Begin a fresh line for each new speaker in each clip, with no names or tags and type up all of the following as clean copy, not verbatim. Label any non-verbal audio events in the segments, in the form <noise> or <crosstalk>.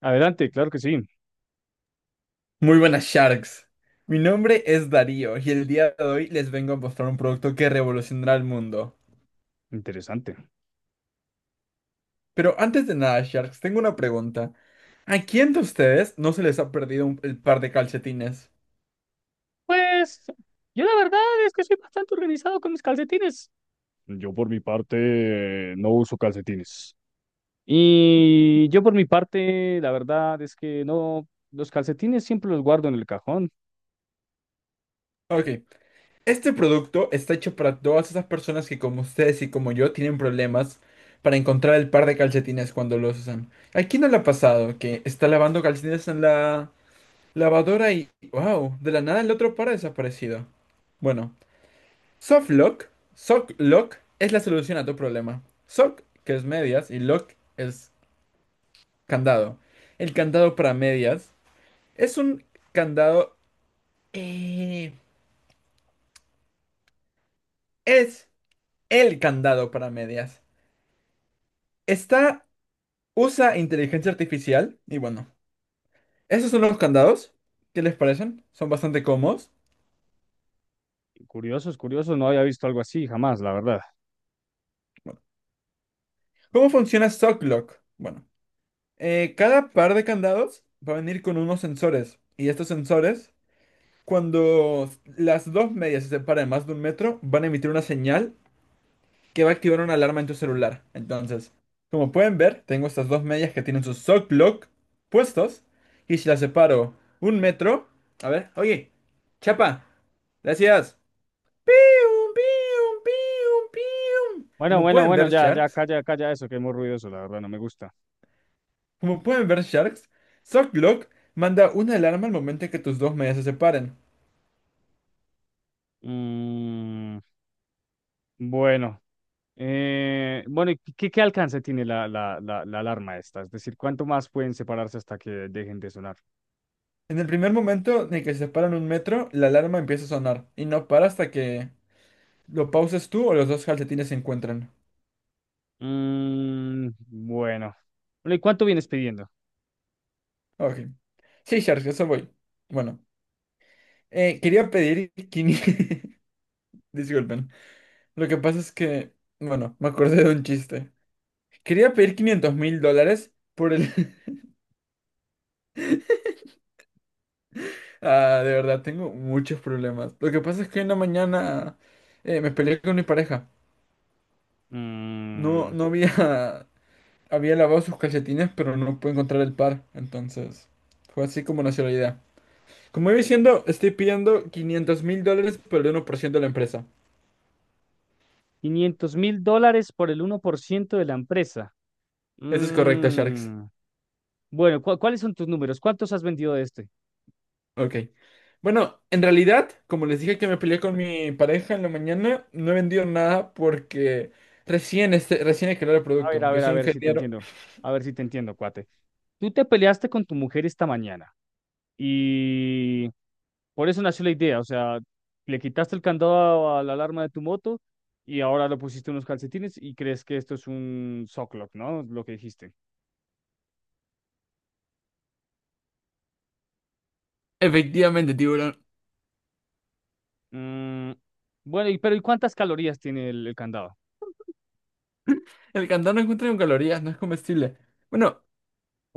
Adelante, claro que sí.
Muy buenas, Sharks. Mi nombre es Darío y el día de hoy les vengo a mostrar un producto que revolucionará el mundo.
Interesante.
Pero antes de nada, Sharks, tengo una pregunta. ¿A quién de ustedes no se les ha perdido el par de calcetines?
Pues yo la verdad es que soy bastante organizado con mis calcetines. Yo por mi parte no uso calcetines. Y yo por mi parte, la verdad es que no, los calcetines siempre los guardo en el cajón.
Ok, este producto está hecho para todas esas personas que, como ustedes y como yo, tienen problemas para encontrar el par de calcetines cuando los usan. ¿A quién no le ha pasado que está lavando calcetines en la lavadora y, wow, de la nada el otro par ha desaparecido? Bueno. Softlock, Softlock es la solución a tu problema. Sock, que es medias, y lock es candado. El candado para medias es un candado... eh, es el candado para medias. Está... usa inteligencia artificial y, bueno, esos son los candados. ¿Qué les parecen? Son bastante cómodos.
Curiosos, curiosos, no había visto algo así jamás, la verdad.
Bueno, ¿cómo funciona Socklock? Bueno, cada par de candados va a venir con unos sensores, y estos sensores, cuando las dos medias se separan más de 1 metro, van a emitir una señal que va a activar una alarma en tu celular. Entonces, como pueden ver, tengo estas dos medias que tienen sus Sock Block puestos. Y si las separo 1 metro. A ver, oye, Chapa, gracias. Pium, pium, pium, pium.
Bueno,
Como
bueno,
pueden
bueno,
ver,
ya, ya,
Sharks,
calla, calla eso, que es muy ruidoso, la verdad, no me gusta.
como pueden ver, Sharks, Sock Block manda una alarma al momento en que tus dos medias se separen.
Mm, bueno. Bueno, ¿y ¿qué alcance tiene la alarma esta? Es decir, ¿cuánto más pueden separarse hasta que dejen de sonar?
En el primer momento en el que se paran 1 metro, la alarma empieza a sonar y no para hasta que lo pauses tú o los dos calcetines se encuentran.
Mm, bueno. Bueno, ¿y cuánto vienes pidiendo?
Ok. Sí, Charles, eso voy. Bueno, quería pedir 500... <laughs> Disculpen. Lo que pasa es que, bueno, me acordé de un chiste. Quería pedir $500,000 por el... <laughs> Ah, de verdad, tengo muchos problemas. Lo que pasa es que en la mañana me peleé con mi pareja. No,
Mm,
no había... había lavado sus calcetines, pero no pude encontrar el par. Entonces, fue así como nació la idea. Como iba diciendo, estoy pidiendo $500,000 por el 1% de la empresa.
500 mil dólares por el 1% de la empresa.
Eso es correcto, Sharks.
Mm, bueno, cuáles son tus números? ¿Cuántos has vendido de este?
Ok. Bueno, en realidad, como les dije, que me peleé con mi pareja en la mañana, no he vendido nada porque recién, este, recién he creado el
A
producto.
ver, a
Yo
ver, a
soy
ver si te
ingeniero.
entiendo. A ver si te entiendo, cuate. Tú te peleaste con tu mujer esta mañana y. Por eso nació la idea, o sea, le quitaste el candado a la alarma de tu moto y ahora le pusiste unos calcetines y crees que esto es un sock lock, ¿no? Lo que dijiste.
Efectivamente, tiburón.
Mm, bueno, y, pero ¿y cuántas calorías tiene el candado?
El cantón no encuentra con calorías, no es comestible. Bueno,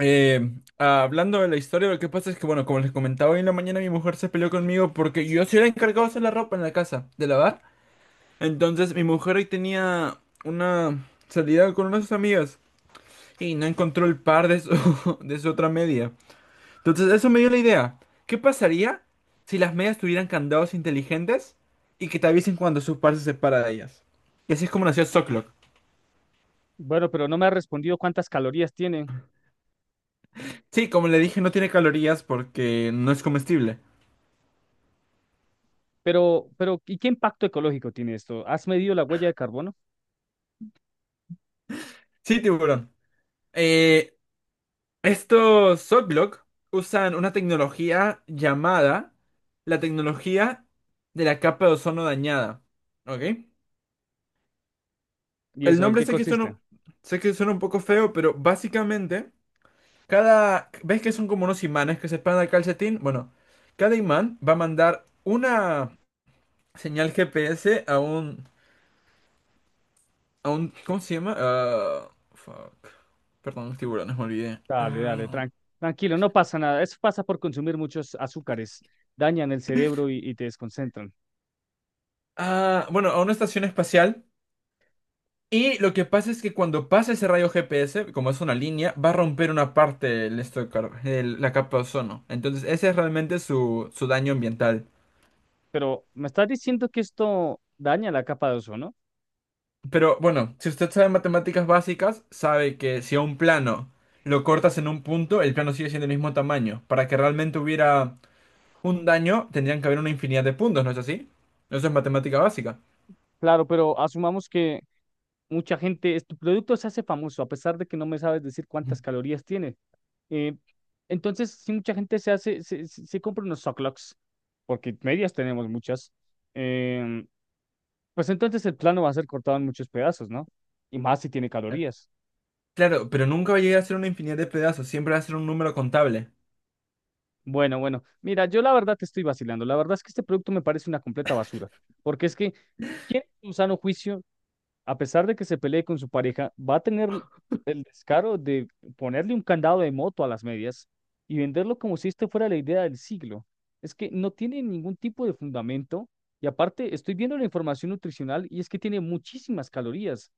Eh, hablando de la historia, lo que pasa es que, bueno, como les comentaba, hoy en la mañana mi mujer se peleó conmigo porque yo sí era encargado de hacer la ropa en la casa, de lavar. Entonces, mi mujer hoy tenía una salida con unas de sus amigas y no encontró el par de su, <laughs> de su otra media. Entonces, eso me dio la idea. ¿Qué pasaría si las medias tuvieran candados inteligentes y que te avisen cuando su par se separa de ellas? Y así es como nació Socklock.
Bueno, pero no me ha respondido cuántas calorías tiene.
Sí, como le dije, no tiene calorías porque no es comestible.
Pero, ¿y qué impacto ecológico tiene esto? ¿Has medido la huella de carbono?
Sí, tiburón. Eh, Estos Softlock usan una tecnología llamada la tecnología de la capa de ozono dañada. ¿Ok?
¿Y
El
eso en
nombre
qué consiste?
sé que suena un poco feo, pero básicamente, cada... ¿Ves que son como unos imanes que se pegan al calcetín? Bueno, cada imán va a mandar una señal GPS a un, ¿cómo se llama? Ah, fuck. Perdón, tiburones, me olvidé.
Dale, dale,
Ah,
tranquilo, no pasa nada. Eso pasa por consumir muchos azúcares, dañan el cerebro y te desconcentran.
ah, bueno, a una estación espacial. Y lo que pasa es que cuando pasa ese rayo GPS, como es una línea, va a romper una parte del esto de la capa de ozono. Entonces, ese es realmente su daño ambiental.
Pero me estás diciendo que esto daña la capa de ozono.
Pero bueno, si usted sabe matemáticas básicas, sabe que si a un plano lo cortas en un punto, el plano sigue siendo el mismo tamaño. Para que realmente hubiera un daño, tendrían que haber una infinidad de puntos, ¿no es así? Eso es matemática básica.
Claro, pero asumamos que mucha gente, tu producto se hace famoso, a pesar de que no me sabes decir cuántas calorías tiene. Eh, entonces, si mucha gente se hace, se compra unos socklocks, porque medias tenemos muchas, em, pues entonces el plano va a ser cortado en muchos pedazos, ¿no? Y más si tiene
<laughs>
calorías.
Claro, pero nunca va a llegar a ser una infinidad de pedazos, siempre va a ser un número contable.
Bueno, bueno, mira, yo la verdad te estoy vacilando. La verdad es que este producto me parece una completa basura, porque es que, ¿quién en su sano juicio a pesar de que se pelee con su pareja, va a tener el descaro de ponerle un candado de moto a las medias y venderlo como si esto fuera la idea del siglo? Es que no tiene ningún tipo de fundamento y aparte estoy viendo la información nutricional y es que tiene muchísimas calorías.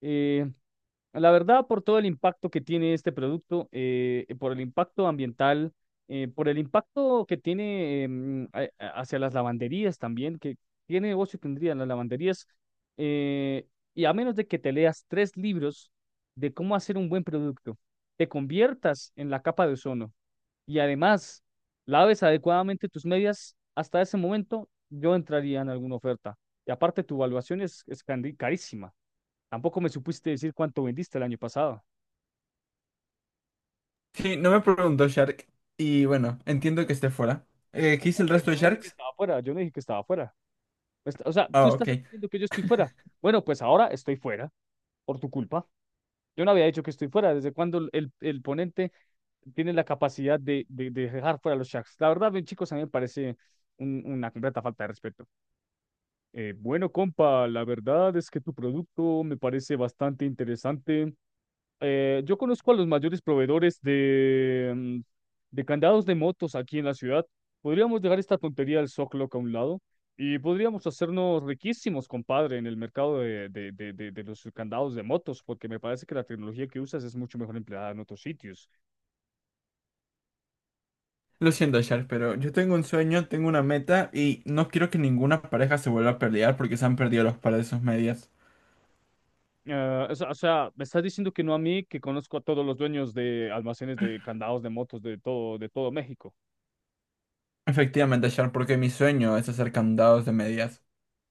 Eh, la verdad, por todo el impacto que tiene este producto, por el impacto ambiental, por el impacto que tiene hacia las lavanderías también, que qué negocio tendrían las lavanderías, eh, y a menos de que te leas tres libros de cómo hacer un buen producto, te conviertas en la capa de ozono y además laves adecuadamente tus medias, hasta ese momento yo entraría en alguna oferta. Y aparte, tu evaluación es carísima. Tampoco me supiste decir cuánto vendiste el año pasado.
Sí, no me preguntó, Shark. Y bueno, entiendo que esté fuera. ¿Qué hice el
Pero
resto
yo
de
no dije que
Sharks?
estaba fuera, yo no dije que estaba fuera. O sea, tú
Ah, ok.
estás asumiendo que yo estoy fuera. Bueno, pues ahora estoy fuera, por tu culpa. Yo no había dicho que estoy fuera. ¿Desde cuando el ponente tiene la capacidad de dejar fuera a los Sharks? La verdad, bien, chicos, a mí me parece una completa falta de respeto. Bueno, compa, la verdad es que tu producto me parece bastante interesante. Yo conozco a los mayores proveedores de candados de motos aquí en la ciudad. Podríamos dejar esta tontería del Zocloc a un lado y podríamos hacernos riquísimos, compadre, en el mercado de los candados de motos, porque me parece que la tecnología que usas es mucho mejor empleada en otros sitios.
Lo siento, Shark, pero yo tengo un sueño, tengo una meta y no quiero que ninguna pareja se vuelva a pelear porque se han perdido los pares de sus medias.
Ah, o sea, me estás diciendo que no a mí, que conozco a todos los dueños de almacenes de candados de motos de todo México.
Efectivamente, Shark, porque mi sueño es hacer candados de medias.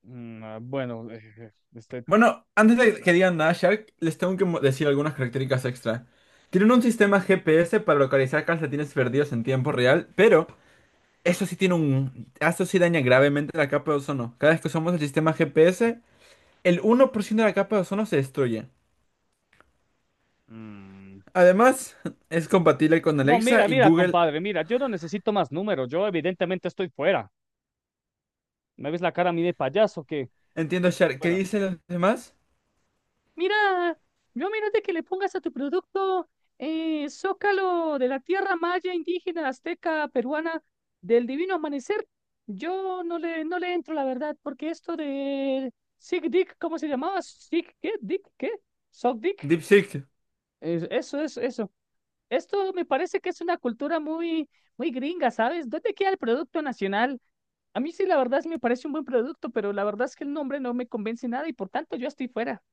Mm, ah, bueno, <laughs> este,
Bueno, antes de que digan nada, Shark, les tengo que decir algunas características extra. Tienen un sistema GPS para localizar calcetines perdidos en tiempo real, pero eso sí tiene un... Eso sí daña gravemente la capa de ozono. Cada vez que usamos el sistema GPS, el 1% de la capa de ozono se destruye.
mm.
Además, <laughs> es compatible con
No,
Alexa
mira,
y
mira,
Google.
compadre, mira, yo no necesito más números, yo evidentemente estoy fuera. ¿Me ves la cara a mí de payaso que
Entiendo, Char. ¿Qué
fuera?
dicen los demás?
Mira, yo menos de que le pongas a tu producto Zócalo de la tierra maya, indígena, azteca, peruana, del divino amanecer, yo no le entro, la verdad, porque esto de Sig Dick, ¿cómo se llamaba? Sig, ¿qué? Dick, ¿qué? Sock Dick.
DeepSeek.
Eso, eso, eso. Esto me parece que es una cultura muy, muy gringa, ¿sabes? ¿Dónde queda el producto nacional? A mí sí, la verdad, sí me parece un buen producto, pero la verdad es que el nombre no me convence nada y por tanto yo estoy fuera.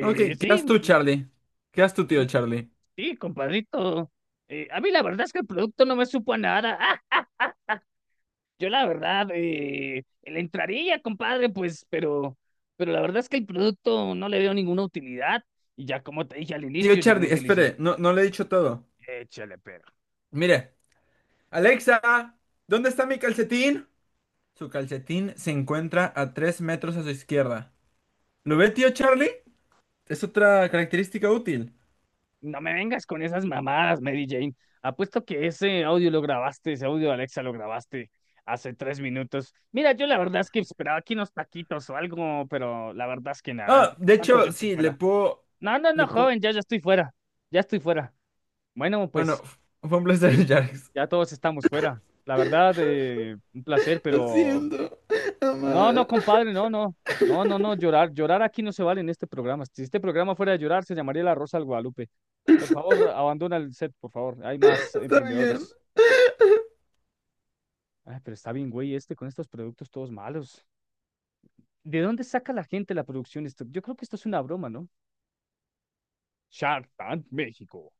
Ok, ¿qué haces
Sí,
tú, Charlie? ¿Qué haces tú, tío
mm,
Charlie?
sí, compadrito. A mí la verdad es que el producto no me supo a nada. Ah, yo la verdad, le entraría, compadre, pues, pero la verdad es que el producto no le veo ninguna utilidad y ya como te dije al
Tío
inicio, yo no
Charlie,
utilizo.
espere, no, no le he dicho todo.
Échale, pero.
Mire, Alexa, ¿dónde está mi calcetín? Su calcetín se encuentra a 3 metros a su izquierda. ¿Lo ve, tío Charlie? Es otra característica útil.
No me vengas con esas mamadas, Mary Jane. Apuesto que ese audio lo grabaste, ese audio de Alexa lo grabaste hace 3 minutos. Mira, yo la verdad es que esperaba aquí unos taquitos o algo, pero la verdad es que nada,
Ah, de
tanto yo
hecho,
estoy
sí, le
fuera.
puedo...
No, no, no,
Le puedo...
joven, ya, ya estoy fuera, ya estoy fuera. Bueno,
Bueno,
pues
fue un
que
placer, <laughs> Charles.
ya todos estamos fuera. La verdad, un placer,
Lo
pero
siento,
no,
amada.
no, compadre, no, no. No, no, no, llorar, llorar aquí no se vale en este programa. Si este programa fuera de llorar, se llamaría La Rosa al Guadalupe. Por favor, abandona el set, por favor. Hay más
Está bien.
emprendedores. Ay, pero está bien, güey, con estos productos todos malos. ¿De dónde saca la gente la producción? Esto, yo creo que esto es una broma, ¿no? Shark Tank México.